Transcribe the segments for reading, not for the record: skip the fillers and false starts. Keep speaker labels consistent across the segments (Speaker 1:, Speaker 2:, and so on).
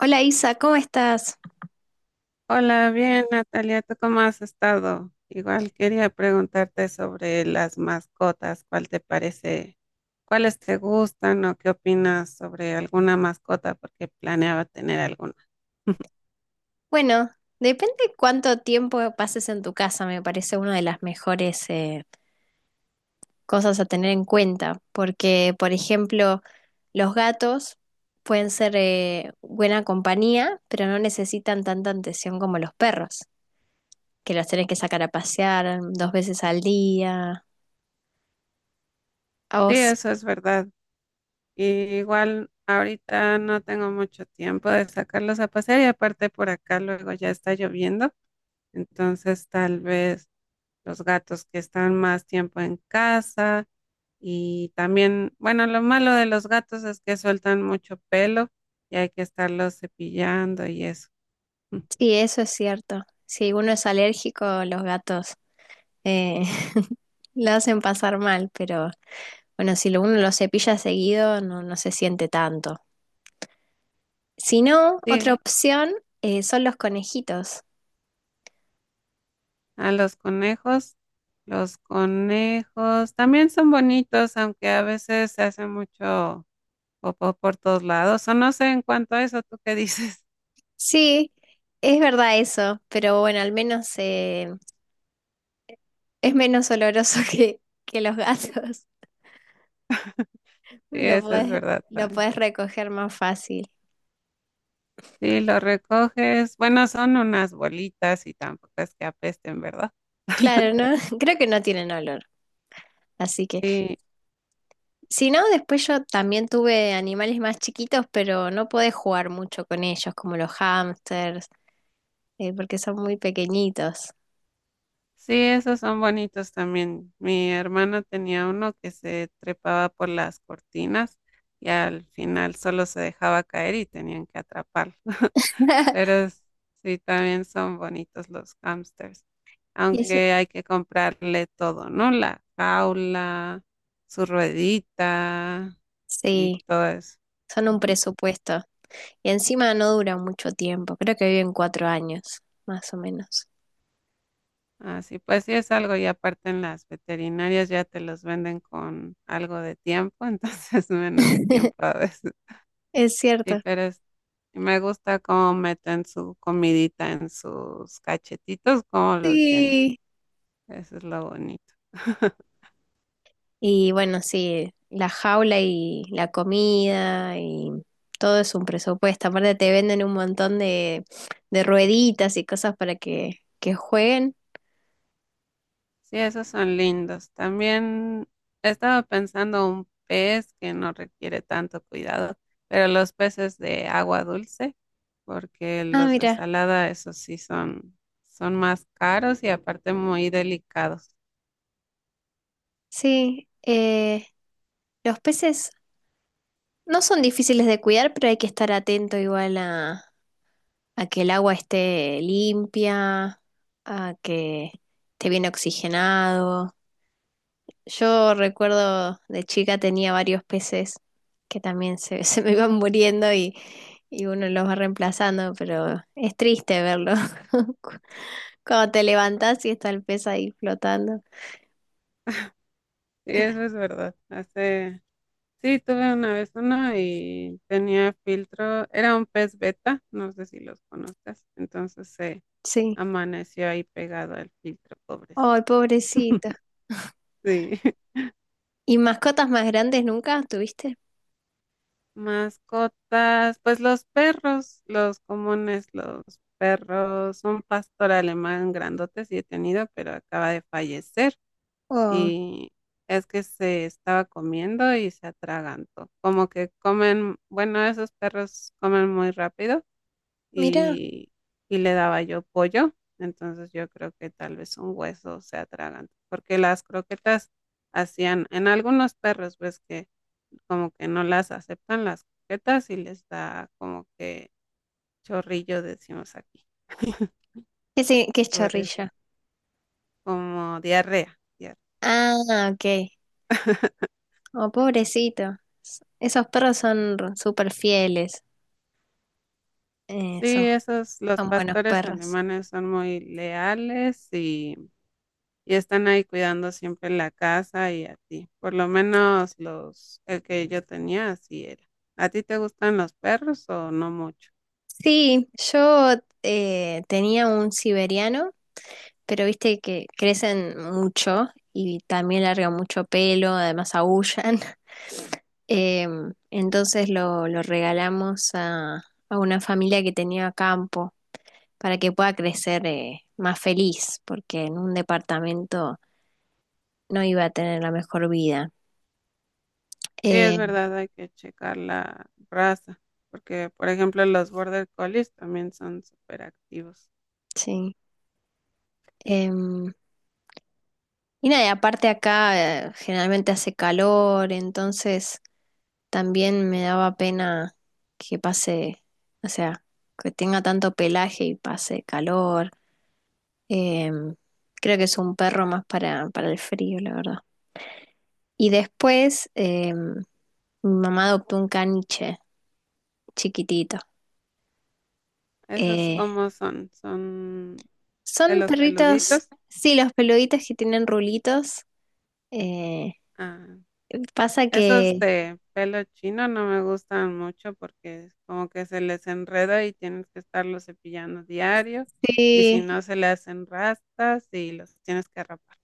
Speaker 1: Hola Isa, ¿cómo estás?
Speaker 2: Hola, bien, Natalia, ¿tú cómo has estado? Igual quería preguntarte sobre las mascotas, ¿cuál te parece? ¿Cuáles te gustan o qué opinas sobre alguna mascota? Porque planeaba tener alguna.
Speaker 1: Bueno, depende cuánto tiempo pases en tu casa. Me parece una de las mejores cosas a tener en cuenta, porque, por ejemplo, los gatos pueden ser buena compañía, pero no necesitan tanta atención como los perros, que los tenés que sacar a pasear 2 veces al día. A
Speaker 2: Sí,
Speaker 1: vos,
Speaker 2: eso es verdad. Y igual ahorita no tengo mucho tiempo de sacarlos a pasear, y aparte por acá luego ya está lloviendo, entonces tal vez los gatos que están más tiempo en casa. Y también, bueno, lo malo de los gatos es que sueltan mucho pelo y hay que estarlos cepillando y eso. Mm.
Speaker 1: sí, eso es cierto. Si uno es alérgico, los gatos eh, lo hacen pasar mal, pero bueno, si uno lo cepilla seguido, no, no se siente tanto. Si no, otra
Speaker 2: Sí,
Speaker 1: opción, son los conejitos.
Speaker 2: a los conejos. Los conejos también son bonitos, aunque a veces se hace mucho por todos lados, o no sé en cuanto a eso, ¿tú qué dices?
Speaker 1: Sí, es verdad eso, pero bueno, al menos es menos oloroso que los gatos.
Speaker 2: Sí,
Speaker 1: Lo
Speaker 2: eso es
Speaker 1: podés,
Speaker 2: verdad
Speaker 1: lo
Speaker 2: también.
Speaker 1: podés recoger más fácil.
Speaker 2: Sí, lo recoges. Bueno, son unas bolitas y tampoco es que apesten, ¿verdad?
Speaker 1: Claro, ¿no? Creo que no tienen olor. Así que,
Speaker 2: Sí,
Speaker 1: si no, después yo también tuve animales más chiquitos, pero no podés jugar mucho con ellos, como los hámsters, porque son muy pequeñitos.
Speaker 2: sí, esos son bonitos también. Mi hermano tenía uno que se trepaba por las cortinas y al final solo se dejaba caer y tenían que atraparlo. Pero sí, también son bonitos los hamsters.
Speaker 1: Y eso,
Speaker 2: Aunque hay que comprarle todo, ¿no? La jaula, su ruedita y
Speaker 1: sí,
Speaker 2: todo eso.
Speaker 1: son un
Speaker 2: Ujú.
Speaker 1: presupuesto. Y encima no duran mucho tiempo, creo que viven 4 años, más o menos.
Speaker 2: Así pues, sí es algo. Y aparte en las veterinarias ya te los venden con algo de tiempo, entonces menos tiempo a veces.
Speaker 1: Es
Speaker 2: Sí,
Speaker 1: cierto.
Speaker 2: me gusta cómo meten su comidita en sus cachetitos, cómo los llenan.
Speaker 1: Sí.
Speaker 2: Eso es lo bonito.
Speaker 1: Y bueno, sí, la jaula y la comida y todo es un presupuesto. Aparte te venden un montón de rueditas y cosas para que jueguen.
Speaker 2: Sí, esos son lindos. También estaba pensando un pez que no requiere tanto cuidado, pero los peces de agua dulce, porque
Speaker 1: Ah,
Speaker 2: los de
Speaker 1: mira,
Speaker 2: salada, esos sí son, son más caros y aparte muy delicados.
Speaker 1: sí, los peces no son difíciles de cuidar, pero hay que estar atento igual a que el agua esté limpia, a que esté bien oxigenado. Yo recuerdo de chica tenía varios peces que también se, se me iban muriendo y uno los va reemplazando, pero es triste verlo cu- cuando te levantás y está el pez ahí flotando.
Speaker 2: Sí, eso es verdad. Sí, tuve una vez uno y tenía filtro, era un pez beta, no sé si los conoces, entonces se
Speaker 1: Sí.
Speaker 2: amaneció ahí pegado al filtro, pobrecito.
Speaker 1: Ay, pobrecito.
Speaker 2: Sí.
Speaker 1: ¿Y mascotas más grandes nunca tuviste?
Speaker 2: Mascotas, pues los perros, los comunes, los perros. Un pastor alemán grandote sí he tenido, pero acaba de fallecer,
Speaker 1: Oh,
Speaker 2: y es que se estaba comiendo y se atragantó. Como que comen, bueno, esos perros comen muy rápido
Speaker 1: mira,
Speaker 2: y, y le daba yo pollo. Entonces yo creo que tal vez un hueso se atraganta, porque las croquetas hacían, en algunos perros ves que como que no las aceptan las croquetas y les da como que chorrillo, decimos aquí,
Speaker 1: qué, qué es
Speaker 2: por eso,
Speaker 1: chorrilla.
Speaker 2: como diarrea. Diarrea.
Speaker 1: Ah, ok. Oh, pobrecito. Esos perros son súper fieles. eh, son,
Speaker 2: Sí, esos, los
Speaker 1: son buenos
Speaker 2: pastores
Speaker 1: perros.
Speaker 2: alemanes son muy leales y están ahí cuidando siempre la casa y a ti. Por lo menos los, el que yo tenía así era. ¿A ti te gustan los perros o no mucho?
Speaker 1: Sí, yo tenía un siberiano, pero viste que crecen mucho y también largan mucho pelo, además aullan. Entonces lo regalamos a una familia que tenía campo para que pueda crecer más feliz, porque en un departamento no iba a tener la mejor vida.
Speaker 2: Sí, es
Speaker 1: Eh,
Speaker 2: verdad, hay que checar la raza, porque por ejemplo los Border Collies también son súper activos.
Speaker 1: sí. Em, Y nada, y aparte acá generalmente hace calor, entonces también me daba pena que pase, o sea, que tenga tanto pelaje y pase calor. Em, Creo que es un perro más para el frío, la verdad. Y después, mi mamá adoptó un caniche chiquitito.
Speaker 2: ¿Esos
Speaker 1: Eh,
Speaker 2: cómo son? ¿Son de
Speaker 1: Son
Speaker 2: los
Speaker 1: perritos,
Speaker 2: peluditos?
Speaker 1: sí, los peluditos que tienen rulitos. Eh,
Speaker 2: Ah,
Speaker 1: Pasa
Speaker 2: esos
Speaker 1: que
Speaker 2: de pelo chino no me gustan mucho porque es como que se les enreda y tienes que estarlo cepillando diario, y si
Speaker 1: sí.
Speaker 2: no se le hacen rastas y los tienes que rapar.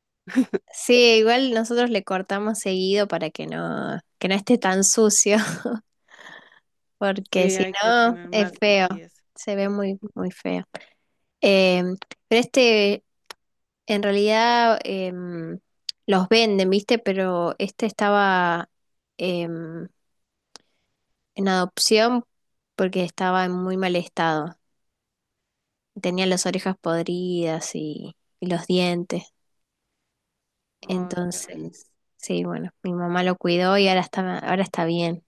Speaker 1: Sí, igual nosotros le cortamos seguido para que no esté tan sucio, porque
Speaker 2: Sí,
Speaker 1: si
Speaker 2: hay que
Speaker 1: no
Speaker 2: tener
Speaker 1: es
Speaker 2: más
Speaker 1: feo,
Speaker 2: limpieza.
Speaker 1: se ve muy, muy feo. Eh, pero este, en realidad, los venden, ¿viste? Pero este estaba, em, en adopción porque estaba en muy mal estado. Tenía las orejas podridas y los dientes.
Speaker 2: Oh, qué bueno.
Speaker 1: Entonces, sí, bueno, mi mamá lo cuidó y ahora está bien.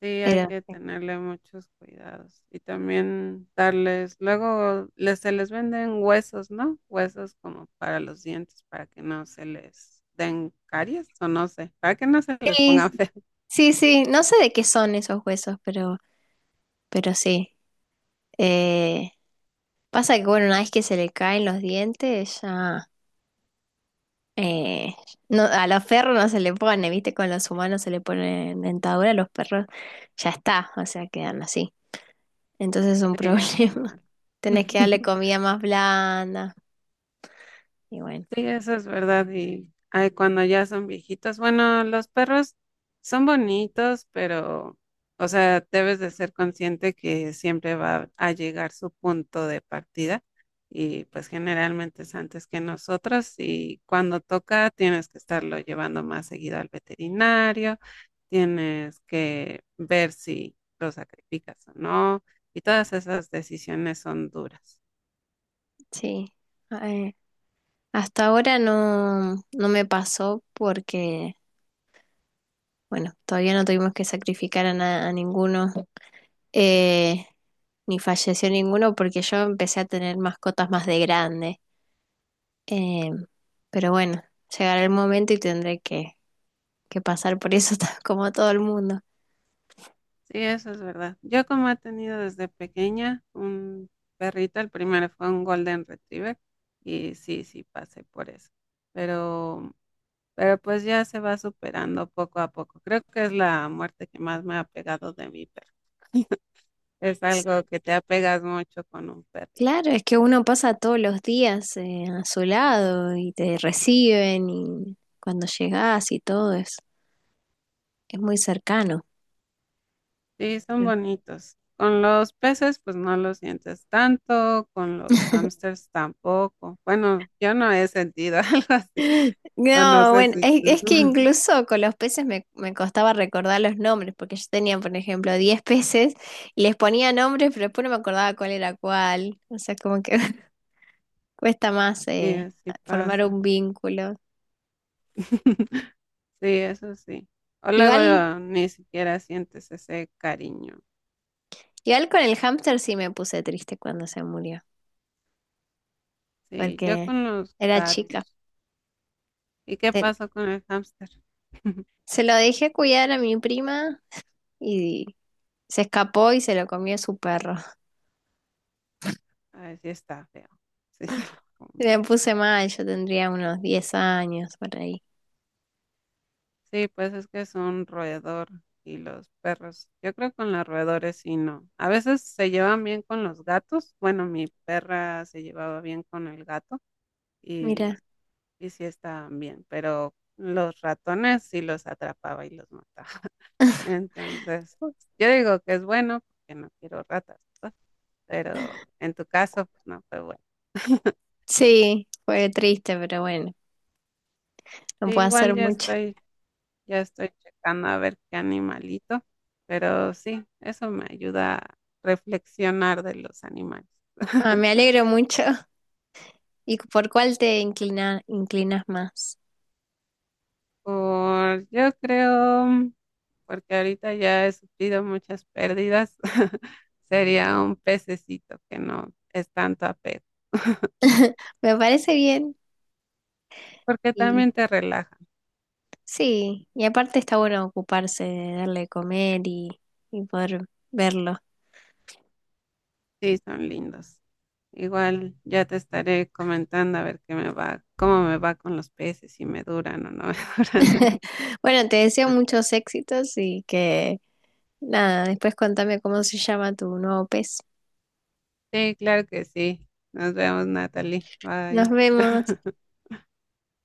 Speaker 2: Sí, hay
Speaker 1: Pero
Speaker 2: que tenerle muchos cuidados y también darles, luego les, se les venden huesos, ¿no? Huesos como para los dientes, para que no se les den caries o no sé, para que no se les ponga
Speaker 1: sí,
Speaker 2: feo.
Speaker 1: sí, sí, no sé de qué son esos huesos, pero sí. Eh, Pasa que, bueno, una vez que se le caen los dientes, ya eh, no, a los perros no se le pone, ¿viste? Con los humanos se le pone dentadura, a los perros ya está, o sea, quedan así. Entonces es un
Speaker 2: Sí, es lo
Speaker 1: problema.
Speaker 2: malo.
Speaker 1: Tenés que darle comida más blanda. Y bueno,
Speaker 2: Sí, eso es verdad. Y ay, cuando ya son viejitos, bueno, los perros son bonitos, pero, o sea, debes de ser consciente que siempre va a llegar su punto de partida y pues generalmente es antes que nosotros, y cuando toca tienes que estarlo llevando más seguido al veterinario, tienes que ver si lo sacrificas o no, y todas esas decisiones son duras.
Speaker 1: sí. Eh, Hasta ahora no, no me pasó porque, bueno, todavía no tuvimos que sacrificar a, a ninguno. Eh, Ni falleció ninguno porque yo empecé a tener mascotas más de grande. Eh, pero bueno, llegará el momento y tendré que pasar por eso, como todo el mundo.
Speaker 2: Sí, eso es verdad. Yo como he tenido desde pequeña un perrito, el primero fue un Golden Retriever, y sí, sí pasé por eso. Pero, pero pues ya se va superando poco a poco. Creo que es la muerte que más me ha pegado de mi perro. Es
Speaker 1: S-
Speaker 2: algo que te apegas mucho con un perrito.
Speaker 1: Claro, es que uno pasa todos los días a su lado y te reciben y cuando llegas y todo es muy cercano.
Speaker 2: Sí, son bonitos. Con los peces, pues no los sientes tanto, con los
Speaker 1: pero-
Speaker 2: hamsters tampoco. Bueno, yo no he sentido algo así, o no
Speaker 1: No,
Speaker 2: sé
Speaker 1: bueno,
Speaker 2: si
Speaker 1: es que
Speaker 2: tú.
Speaker 1: incluso con los peces me, me costaba recordar los nombres, porque yo tenía, por ejemplo, 10 peces y les ponía nombres, pero después no me acordaba cuál era cuál. O sea, como que cuesta más
Speaker 2: Sí, así
Speaker 1: formar
Speaker 2: pasa.
Speaker 1: un vínculo.
Speaker 2: Sí, eso sí. O
Speaker 1: Igual,
Speaker 2: luego ni siquiera sientes ese cariño.
Speaker 1: igual con el hámster sí me puse triste cuando se murió,
Speaker 2: Sí, yo
Speaker 1: porque
Speaker 2: con los
Speaker 1: era chica.
Speaker 2: gatos. ¿Y qué
Speaker 1: Ten-
Speaker 2: pasó con el hámster?
Speaker 1: Se lo dejé cuidar a mi prima y se escapó y se lo comió su perro.
Speaker 2: A ver si está feo. Sí, se lo come.
Speaker 1: Me puse mal, yo tendría unos 10 años por ahí.
Speaker 2: Sí, pues es que es un roedor y los perros. Yo creo que con los roedores sí no. A veces se llevan bien con los gatos. Bueno, mi perra se llevaba bien con el gato y,
Speaker 1: Mira.
Speaker 2: y sí estaban bien, pero los ratones sí los atrapaba y los mataba. Entonces, yo digo que es bueno porque no quiero ratas, ¿verdad? Pero en tu caso, pues no fue bueno.
Speaker 1: Sí, fue triste, pero bueno, no
Speaker 2: Sí,
Speaker 1: puedo hacer mucho.
Speaker 2: ya estoy checando a ver qué animalito, pero sí, eso me ayuda a reflexionar de los animales.
Speaker 1: Ah, me alegro mucho. ¿Y por cuál te inclinas más?
Speaker 2: Por, yo creo, porque ahorita ya he sufrido muchas pérdidas, sería un pececito que no es tanto apego,
Speaker 1: Me parece bien.
Speaker 2: porque
Speaker 1: Y
Speaker 2: también te relaja.
Speaker 1: sí, y aparte está bueno ocuparse de darle de comer y poder verlo.
Speaker 2: Sí, son lindos. Igual ya te estaré comentando a ver qué me va, cómo me va con los peces, si me duran o no me duran.
Speaker 1: Bueno, te deseo muchos éxitos y que nada, después contame cómo se llama tu nuevo pez.
Speaker 2: Sí, claro que sí. Nos vemos, Natalie.
Speaker 1: Nos
Speaker 2: Bye.
Speaker 1: vemos.